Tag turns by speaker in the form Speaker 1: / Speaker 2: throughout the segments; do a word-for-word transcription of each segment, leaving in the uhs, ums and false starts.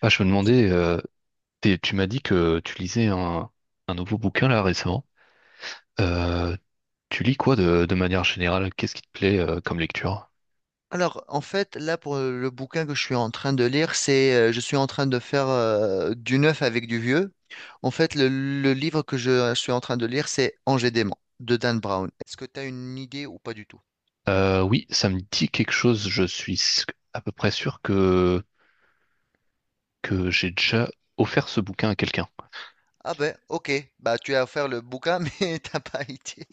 Speaker 1: Ah, je me
Speaker 2: Je-
Speaker 1: demandais, euh, t'es- tu m'as dit que tu lisais un, un nouveau bouquin là récemment. Euh, tu lis quoi de, de manière générale? Qu'est-ce qui te plaît euh, comme lecture?
Speaker 2: Alors, en fait, là, pour euh, le bouquin que je suis en train de lire, c'est, euh, je suis en train de faire euh, du neuf avec du vieux. En fait, le, le livre que je suis en train de lire, c'est Angers dément de Dan Brown. Est-ce que tu as une idée ou pas du tout?
Speaker 1: Euh, oui, ça me dit quelque chose. Je suis s- à peu près sûr que, que j'ai déjà offert ce bouquin à quelqu'un.
Speaker 2: Ah ben, ok, bah tu as offert le bouquin, mais t'as pas idée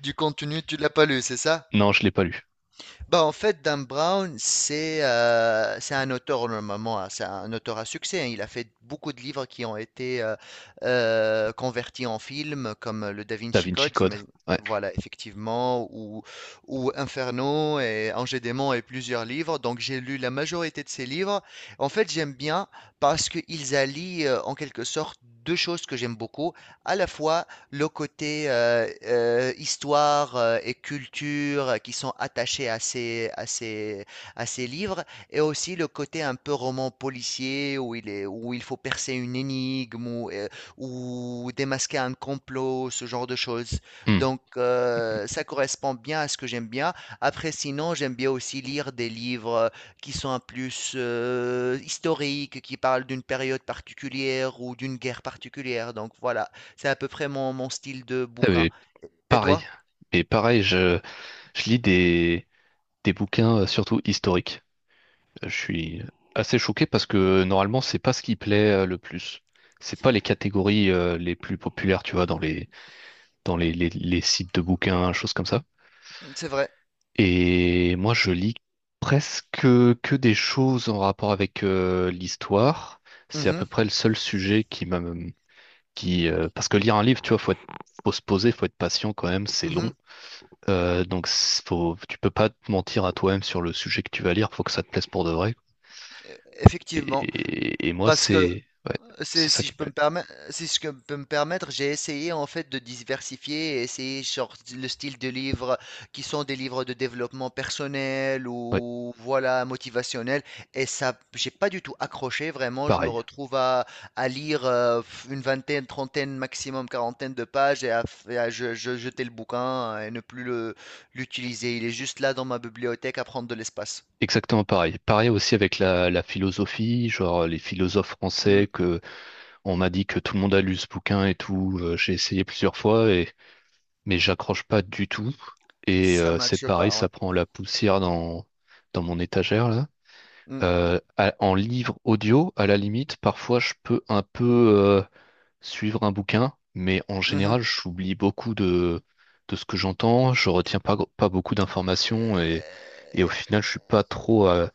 Speaker 2: du contenu, tu l'as pas lu, c'est ça?
Speaker 1: Non, je l'ai pas lu.
Speaker 2: Bah, en fait, Dan Brown, c'est euh, c'est un auteur normalement, hein, c'est un auteur à succès, hein. Il a fait beaucoup de livres qui ont été euh, euh, convertis en films, comme euh, le Da
Speaker 1: Da
Speaker 2: Vinci
Speaker 1: Vinci
Speaker 2: Code,
Speaker 1: Code.
Speaker 2: j'imagine-
Speaker 1: Ouais.
Speaker 2: voilà, effectivement, ou, ou Inferno et Ange et Démon et plusieurs livres. Donc, j'ai lu la majorité de ces livres. En fait, j'aime bien parce qu'ils allient euh, en quelque sorte deux choses que j'aime beaucoup, à la fois le côté euh, euh, histoire euh, et culture euh, qui sont attachés à ces, à ces, à ces livres, et aussi le côté un peu roman policier où il est, où il faut percer une énigme ou, euh, ou démasquer un complot, ce genre de choses.
Speaker 1: Hmm.
Speaker 2: Donc euh, ça correspond bien à ce que j'aime bien. Après, sinon, j'aime bien aussi lire des livres qui sont un plus euh, historiques, qui parlent d'une période particulière ou d'une guerre particulière. Donc voilà. C'est à peu près mon, mon style de
Speaker 1: Ah,
Speaker 2: bouquin.
Speaker 1: mais
Speaker 2: Et
Speaker 1: pareil.
Speaker 2: toi?
Speaker 1: Et pareil, je, je lis des, des bouquins euh, surtout historiques. Je suis assez choqué parce que normalement, c'est pas ce qui plaît euh, le plus. C'est pas les catégories euh, les plus populaires, tu vois, dans les dans les, les, les sites de bouquins, choses comme ça.
Speaker 2: C'est vrai.
Speaker 1: Et moi, je lis presque que des choses en rapport avec euh, l'histoire. C'est à peu
Speaker 2: Mhm,
Speaker 1: près le seul sujet qui m'a qui euh, parce que lire un livre, tu vois, faut être faut se poser, faut être patient quand même, c'est long.
Speaker 2: mhm,
Speaker 1: Euh, donc c'est- faut, tu peux pas te mentir à toi-même sur le sujet que tu vas lire, faut que ça te plaise pour de vrai.
Speaker 2: effectivement.
Speaker 1: Et, et moi,
Speaker 2: Parce que
Speaker 1: c'est ouais,
Speaker 2: C'est,
Speaker 1: c'est ça
Speaker 2: si je
Speaker 1: qui me
Speaker 2: peux me
Speaker 1: plaît.
Speaker 2: permettre, si je peux me permettre, j'ai essayé en fait de diversifier et essayer genre le style de livres qui sont des livres de développement personnel
Speaker 1: Ouais,
Speaker 2: ou voilà motivationnel, et ça j'ai pas du tout accroché vraiment, je me
Speaker 1: pareil.
Speaker 2: retrouve à, à lire euh, une vingtaine, trentaine, maximum quarantaine de pages et à, et à je- je- jeter le bouquin et ne plus le l'utiliser, il est juste là dans ma bibliothèque à prendre de l'espace.
Speaker 1: Exactement pareil. Pareil aussi avec la, la philosophie, genre les philosophes
Speaker 2: Hmm,
Speaker 1: français que on m'a dit que tout le monde a lu ce bouquin et tout. Euh, j'ai essayé plusieurs fois et mais j'accroche pas du tout. Et
Speaker 2: ça
Speaker 1: euh, c'est
Speaker 2: matche
Speaker 1: pareil,
Speaker 2: pas, ouais.
Speaker 1: ça prend la poussière dans dans mon étagère là.
Speaker 2: Hmm,
Speaker 1: Euh, à- en livre audio, à la limite, parfois je peux un peu euh, suivre un bouquin, mais en
Speaker 2: mhm.
Speaker 1: général, j'oublie beaucoup de, de ce que j'entends, je retiens pas, pas beaucoup d'informations et, et au
Speaker 2: Euh,
Speaker 1: final, je suis pas trop euh,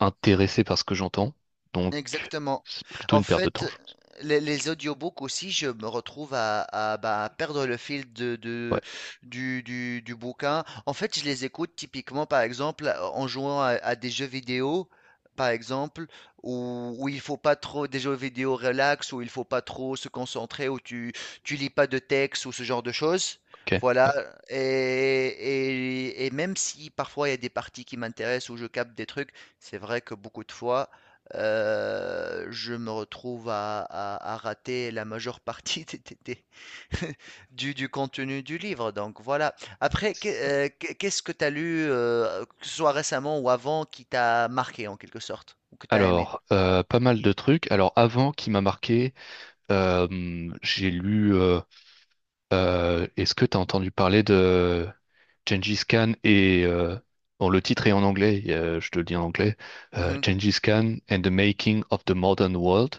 Speaker 1: intéressé par ce que j'entends. Donc,
Speaker 2: Exactement.
Speaker 1: c'est plutôt
Speaker 2: En
Speaker 1: une perte de
Speaker 2: fait,
Speaker 1: temps, je pense.
Speaker 2: les, les audiobooks aussi, je me retrouve à, à, bah, perdre le fil de,
Speaker 1: Ouais,
Speaker 2: de- du, du- du bouquin. En fait, je les écoute typiquement, par exemple, en jouant à, à des jeux vidéo, par exemple, où, où il faut pas trop, des jeux vidéo relax, où il faut pas trop se concentrer, où tu, tu lis pas de texte ou ce genre de choses.
Speaker 1: ok.
Speaker 2: Voilà,
Speaker 1: Ouais.
Speaker 2: et, et, et même si parfois il y a des parties qui m'intéressent où je capte des trucs, c'est vrai que beaucoup de fois, heu, je me retrouve à à à rater la majeure partie des des des du du contenu du livre, donc voilà. Après, qu'est heu, qu'est qu'est-ce que tu as lu, heu, que ce soit récemment ou avant, qui t'a marqué en quelque sorte ou que tu as aimé?
Speaker 1: Alors, euh, pas mal de trucs. Alors, avant, qui m'a marqué, euh, j'ai lu. Euh, Euh, est-ce que tu as entendu parler de Gengis Khan et euh, bon, le titre est en anglais, euh, je te le dis en anglais, euh,
Speaker 2: Mhm.
Speaker 1: Gengis Khan and the Making of the Modern World,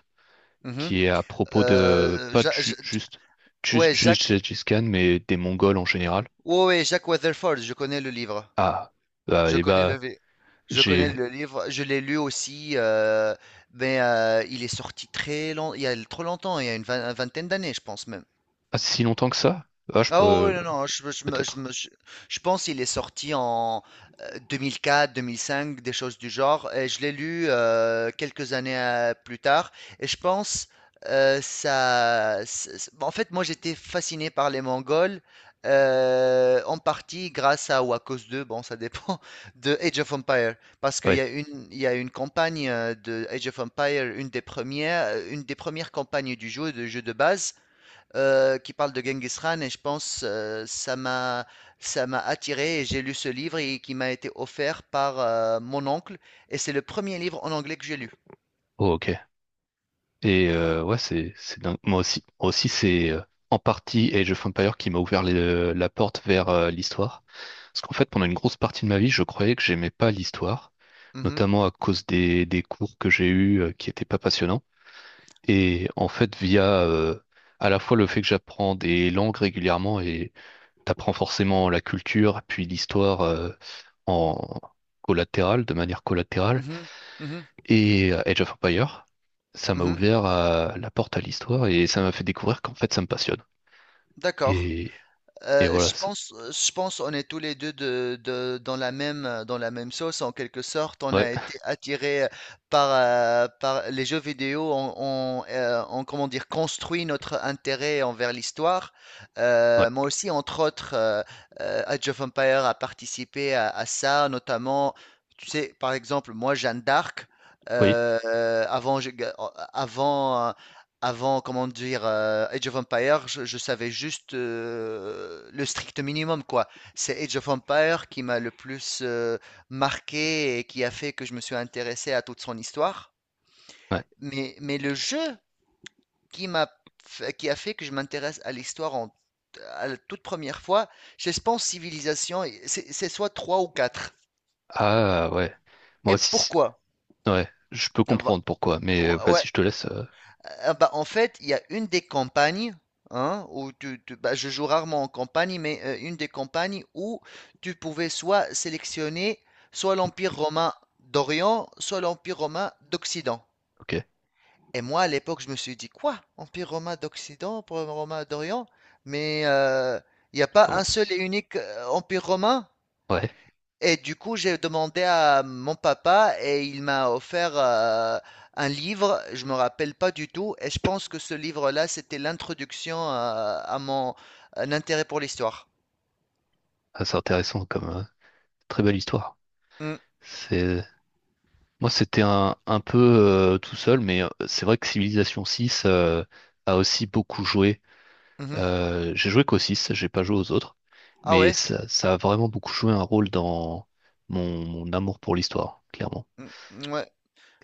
Speaker 2: Mhm. Mmh mh.
Speaker 1: qui est à propos de
Speaker 2: Euh,
Speaker 1: pas
Speaker 2: Ja Ja
Speaker 1: ju-
Speaker 2: Ja,
Speaker 1: juste ju-
Speaker 2: ouais,
Speaker 1: juste
Speaker 2: Jacques
Speaker 1: Gengis Khan, mais des Mongols en général.
Speaker 2: ouais, ouais, Jack Weatherford, je connais le livre.
Speaker 1: Ah, bah,
Speaker 2: Je
Speaker 1: et
Speaker 2: connais le,
Speaker 1: bah
Speaker 2: vi- je connais
Speaker 1: j'ai
Speaker 2: le livre. Je l'ai lu aussi, euh, mais euh, il est sorti très long, il y a trop longtemps, il y a une vingt- une vingtaine d'années, je pense même.
Speaker 1: pas si longtemps que ça. Ah, je
Speaker 2: Ah ouais, ouais,
Speaker 1: peux,
Speaker 2: non, non, je, je
Speaker 1: peut
Speaker 2: me- je
Speaker 1: être
Speaker 2: me- je- je pense qu'il est sorti en euh, deux mille quatre, deux mille cinq, des choses du genre, et je l'ai lu euh, quelques années euh, plus tard, et je pense, euh, ça... c'est- c'est- En fait, moi j'étais fasciné par les Mongols, euh, en partie grâce à, ou à cause de, bon ça dépend, de Age of Empire, parce qu'il y a
Speaker 1: ouais.
Speaker 2: une, il y a une campagne euh, de Age of Empire, une des premières, euh, une des premières campagnes du jeu, de jeu de base, euh, qui parle de Genghis Khan, et je pense euh, ça m'a, ça m'a attiré et j'ai lu ce livre et qui m'a été offert par euh, mon oncle, et c'est le premier livre en anglais que j'ai lu.
Speaker 1: Oh, ok. Et euh, ouais, c'est c'est dingue. Moi aussi, moi aussi c'est euh, en partie Age of Empires qui m'a ouvert les- la porte vers euh, l'histoire. Parce qu'en fait, pendant une grosse partie de ma vie, je croyais que j'aimais pas l'histoire,
Speaker 2: Mhm,
Speaker 1: notamment à cause des, des cours que j'ai eus euh, qui étaient pas passionnants. Et en fait, via euh, à la fois le fait que j'apprends des langues régulièrement et t'apprends forcément la culture, puis l'histoire euh, en collatéral, de manière collatérale,
Speaker 2: mhm, mhm,
Speaker 1: et euh, Age of Empires, ça m'a
Speaker 2: mhm.
Speaker 1: ouvert à- la porte à l'histoire et ça m'a fait découvrir qu'en fait ça me passionne.
Speaker 2: D'accord.
Speaker 1: Et, et
Speaker 2: Euh,
Speaker 1: voilà.
Speaker 2: je
Speaker 1: c'est-
Speaker 2: pense, euh, je pense, on est tous les deux de, de- dans la même, euh, dans la même sauce en quelque sorte. On
Speaker 1: Ouais,
Speaker 2: a été attirés euh, par, euh, par les jeux vidéo. On, on, euh, on, comment dire, construit notre intérêt envers l'histoire. Euh,
Speaker 1: ouais,
Speaker 2: moi aussi, entre autres, euh, euh, Age of Empires a participé à, à ça, notamment. Tu sais, par exemple, moi, Jeanne d'Arc.
Speaker 1: oui,
Speaker 2: Euh, euh, avant, je- euh, avant avant, comment dire, euh, Age of Empire, je, je savais juste euh, le strict minimum, quoi. C'est Age of Empire qui m'a le plus euh, marqué et qui a fait que je me suis intéressé à toute son histoire.
Speaker 1: ouais.
Speaker 2: Mais, mais le jeu qui m'a, f- qui a fait que je m'intéresse à l'histoire en, à la toute première fois, je pense Civilisation, c'est c'est soit trois ou quatre.
Speaker 1: Ah ouais. Moi
Speaker 2: Et
Speaker 1: aussi,
Speaker 2: pourquoi?
Speaker 1: ouais, je peux comprendre pourquoi, mais euh, vas-y,
Speaker 2: Ouais,
Speaker 1: je te laisse. Euh,
Speaker 2: ah bah, en fait, il y a une des campagnes, hein, où tu, tu- bah, je joue rarement en campagne, mais euh, une des campagnes où tu pouvais soit sélectionner soit l'Empire romain d'Orient, soit l'Empire romain d'Occident.
Speaker 1: ok,
Speaker 2: Et moi, à l'époque, je me suis dit, quoi? Empire romain d'Occident, Empire romain d'Orient? Mais euh, il n'y a pas un seul
Speaker 1: commence.
Speaker 2: et unique euh, Empire romain?
Speaker 1: Ouais,
Speaker 2: Et du coup, j'ai demandé à mon papa et il m'a offert euh, un livre, je me rappelle pas du tout, et je pense que ce livre-là, c'était l'introduction euh, à mon un intérêt pour l'histoire.
Speaker 1: ah, c'est intéressant comme euh, très belle histoire.
Speaker 2: Mm,
Speaker 1: C'est Moi c'était un, un peu euh, tout seul, mais euh, c'est vrai que Civilization six euh, a aussi beaucoup joué.
Speaker 2: mhm.
Speaker 1: Euh, j'ai joué qu'au six, j'ai pas joué aux autres,
Speaker 2: Ah
Speaker 1: mais
Speaker 2: ouais?
Speaker 1: ça, ça a vraiment beaucoup joué un rôle dans mon, mon amour pour l'histoire, clairement.
Speaker 2: Mm, ouais.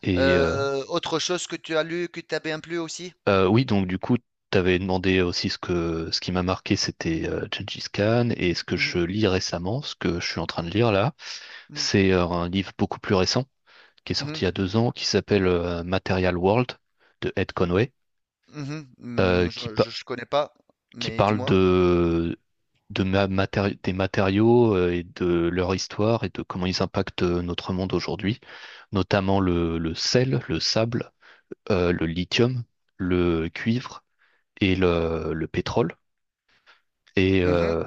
Speaker 1: Et euh,
Speaker 2: Euh, autre chose que tu as lu, que t'as bien plu aussi?
Speaker 1: euh, oui, donc du coup, t'avais demandé aussi ce que ce qui m'a marqué, c'était euh, Gengis Khan, et ce que je
Speaker 2: Mhm,
Speaker 1: lis récemment, ce que je suis en train de lire là,
Speaker 2: mhm,
Speaker 1: c'est euh, un livre beaucoup plus récent qui est sorti
Speaker 2: mhm,
Speaker 1: il y a deux ans, qui s'appelle euh, Material World de Ed Conway,
Speaker 2: Mm, mhm.
Speaker 1: euh,
Speaker 2: Mm,
Speaker 1: qui,
Speaker 2: je,
Speaker 1: pa-
Speaker 2: je, je connais pas,
Speaker 1: qui
Speaker 2: mais
Speaker 1: parle
Speaker 2: dis-moi.
Speaker 1: de, de ma- matéri- des matériaux euh, et de leur histoire et de comment ils impactent euh, notre monde aujourd'hui, notamment le, le sel, le sable, euh, le lithium, le cuivre et le, le pétrole. Et
Speaker 2: Mm, Mhm,
Speaker 1: euh,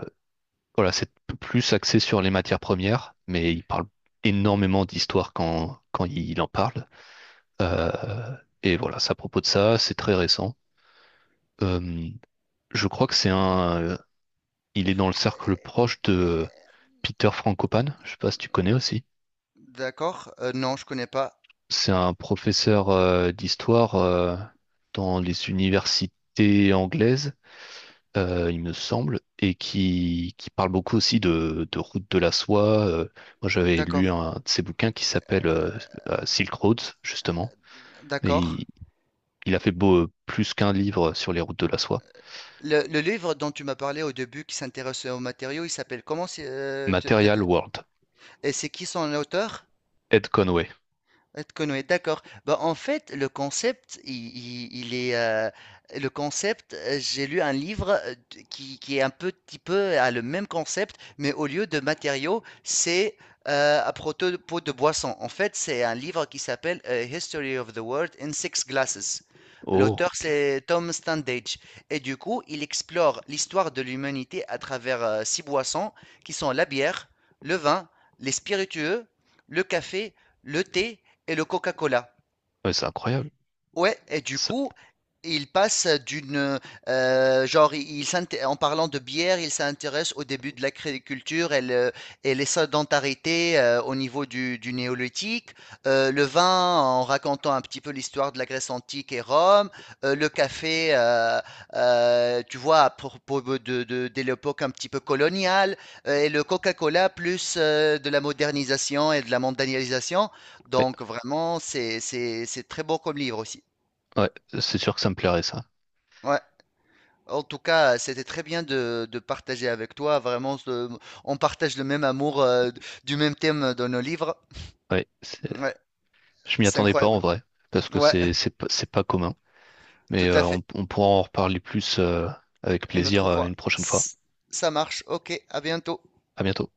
Speaker 1: voilà, c'est p- plus axé sur les matières premières, mais il parle énormément d'histoire quand, quand il en parle. Euh, et voilà, c'est à propos de ça, c'est très récent. Euh, je crois que c'est un. Euh, il est dans le cercle proche de Peter Frankopan. Je sais pas si tu connais aussi.
Speaker 2: d'accord. Euh, non, je connais pas.
Speaker 1: C'est un professeur euh, d'histoire euh, dans les universités anglaises, euh, il me semble, et qui, qui parle beaucoup aussi de, de route de la soie. euh. Moi, j'avais
Speaker 2: D'accord,
Speaker 1: lu un de ses bouquins qui s'appelle euh, euh, Silk Roads, justement. Et
Speaker 2: d'accord.
Speaker 1: il, il a fait beau, plus qu'un livre sur les routes de la soie.
Speaker 2: Le, le livre dont tu m'as parlé au début qui s'intéresse aux matériaux, il s'appelle comment c'est, euh, tu- t'as-
Speaker 1: Material World,
Speaker 2: et c'est qui son auteur?
Speaker 1: Ed Conway.
Speaker 2: Ed Conway, d'accord. Bah, en fait, le concept, il, il- il est, euh, le concept, euh, j'ai lu un livre euh, d- qui, qui est un petit peu à le même concept, mais au lieu de matériaux, c'est euh, à propos de boissons. En fait, c'est un livre qui s'appelle euh, History of the World in Six Glasses.
Speaker 1: Oh,
Speaker 2: L'auteur,
Speaker 1: ok.
Speaker 2: c'est Tom Standage. Et du coup, il explore l'histoire de l'humanité à travers euh, six boissons qui sont la bière, le vin, les spiritueux, le café, le thé et le Coca-Cola.
Speaker 1: Ouais, c'est incroyable.
Speaker 2: Ouais, et du
Speaker 1: Ça-
Speaker 2: coup, il passe d'une euh, genre, il, il s'int- en parlant de bière, il s'intéresse au début de l'agriculture et, le- et les sédentarités euh, au niveau du, du néolithique, euh, le vin en racontant un petit peu l'histoire de la Grèce antique et Rome, euh, le café, euh, euh, tu vois, à propos de, de, de l'époque un petit peu coloniale, euh, et le Coca-Cola plus euh, de la modernisation et de la mondialisation.
Speaker 1: ouais,
Speaker 2: Donc vraiment, c'est c'est- c'est très beau comme livre aussi.
Speaker 1: ouais, c'est sûr que ça me plairait ça.
Speaker 2: Ouais, en tout cas, euh, c'était très bien de, de partager avec toi. Vraiment, ce- on partage le même amour euh, du même thème dans nos livres.
Speaker 1: Ouais, c'est-
Speaker 2: Ouais,
Speaker 1: je m'y
Speaker 2: c'est
Speaker 1: attendais pas en
Speaker 2: incroyable.
Speaker 1: vrai, parce que
Speaker 2: Ouais,
Speaker 1: c'est c'est pas c'est pas commun. Mais
Speaker 2: tout à
Speaker 1: euh,
Speaker 2: fait.
Speaker 1: on, on pourra en reparler plus euh, avec
Speaker 2: Une
Speaker 1: plaisir
Speaker 2: autre
Speaker 1: euh,
Speaker 2: fois.
Speaker 1: une prochaine fois.
Speaker 2: S- Ça marche. Ok, à bientôt.
Speaker 1: À bientôt.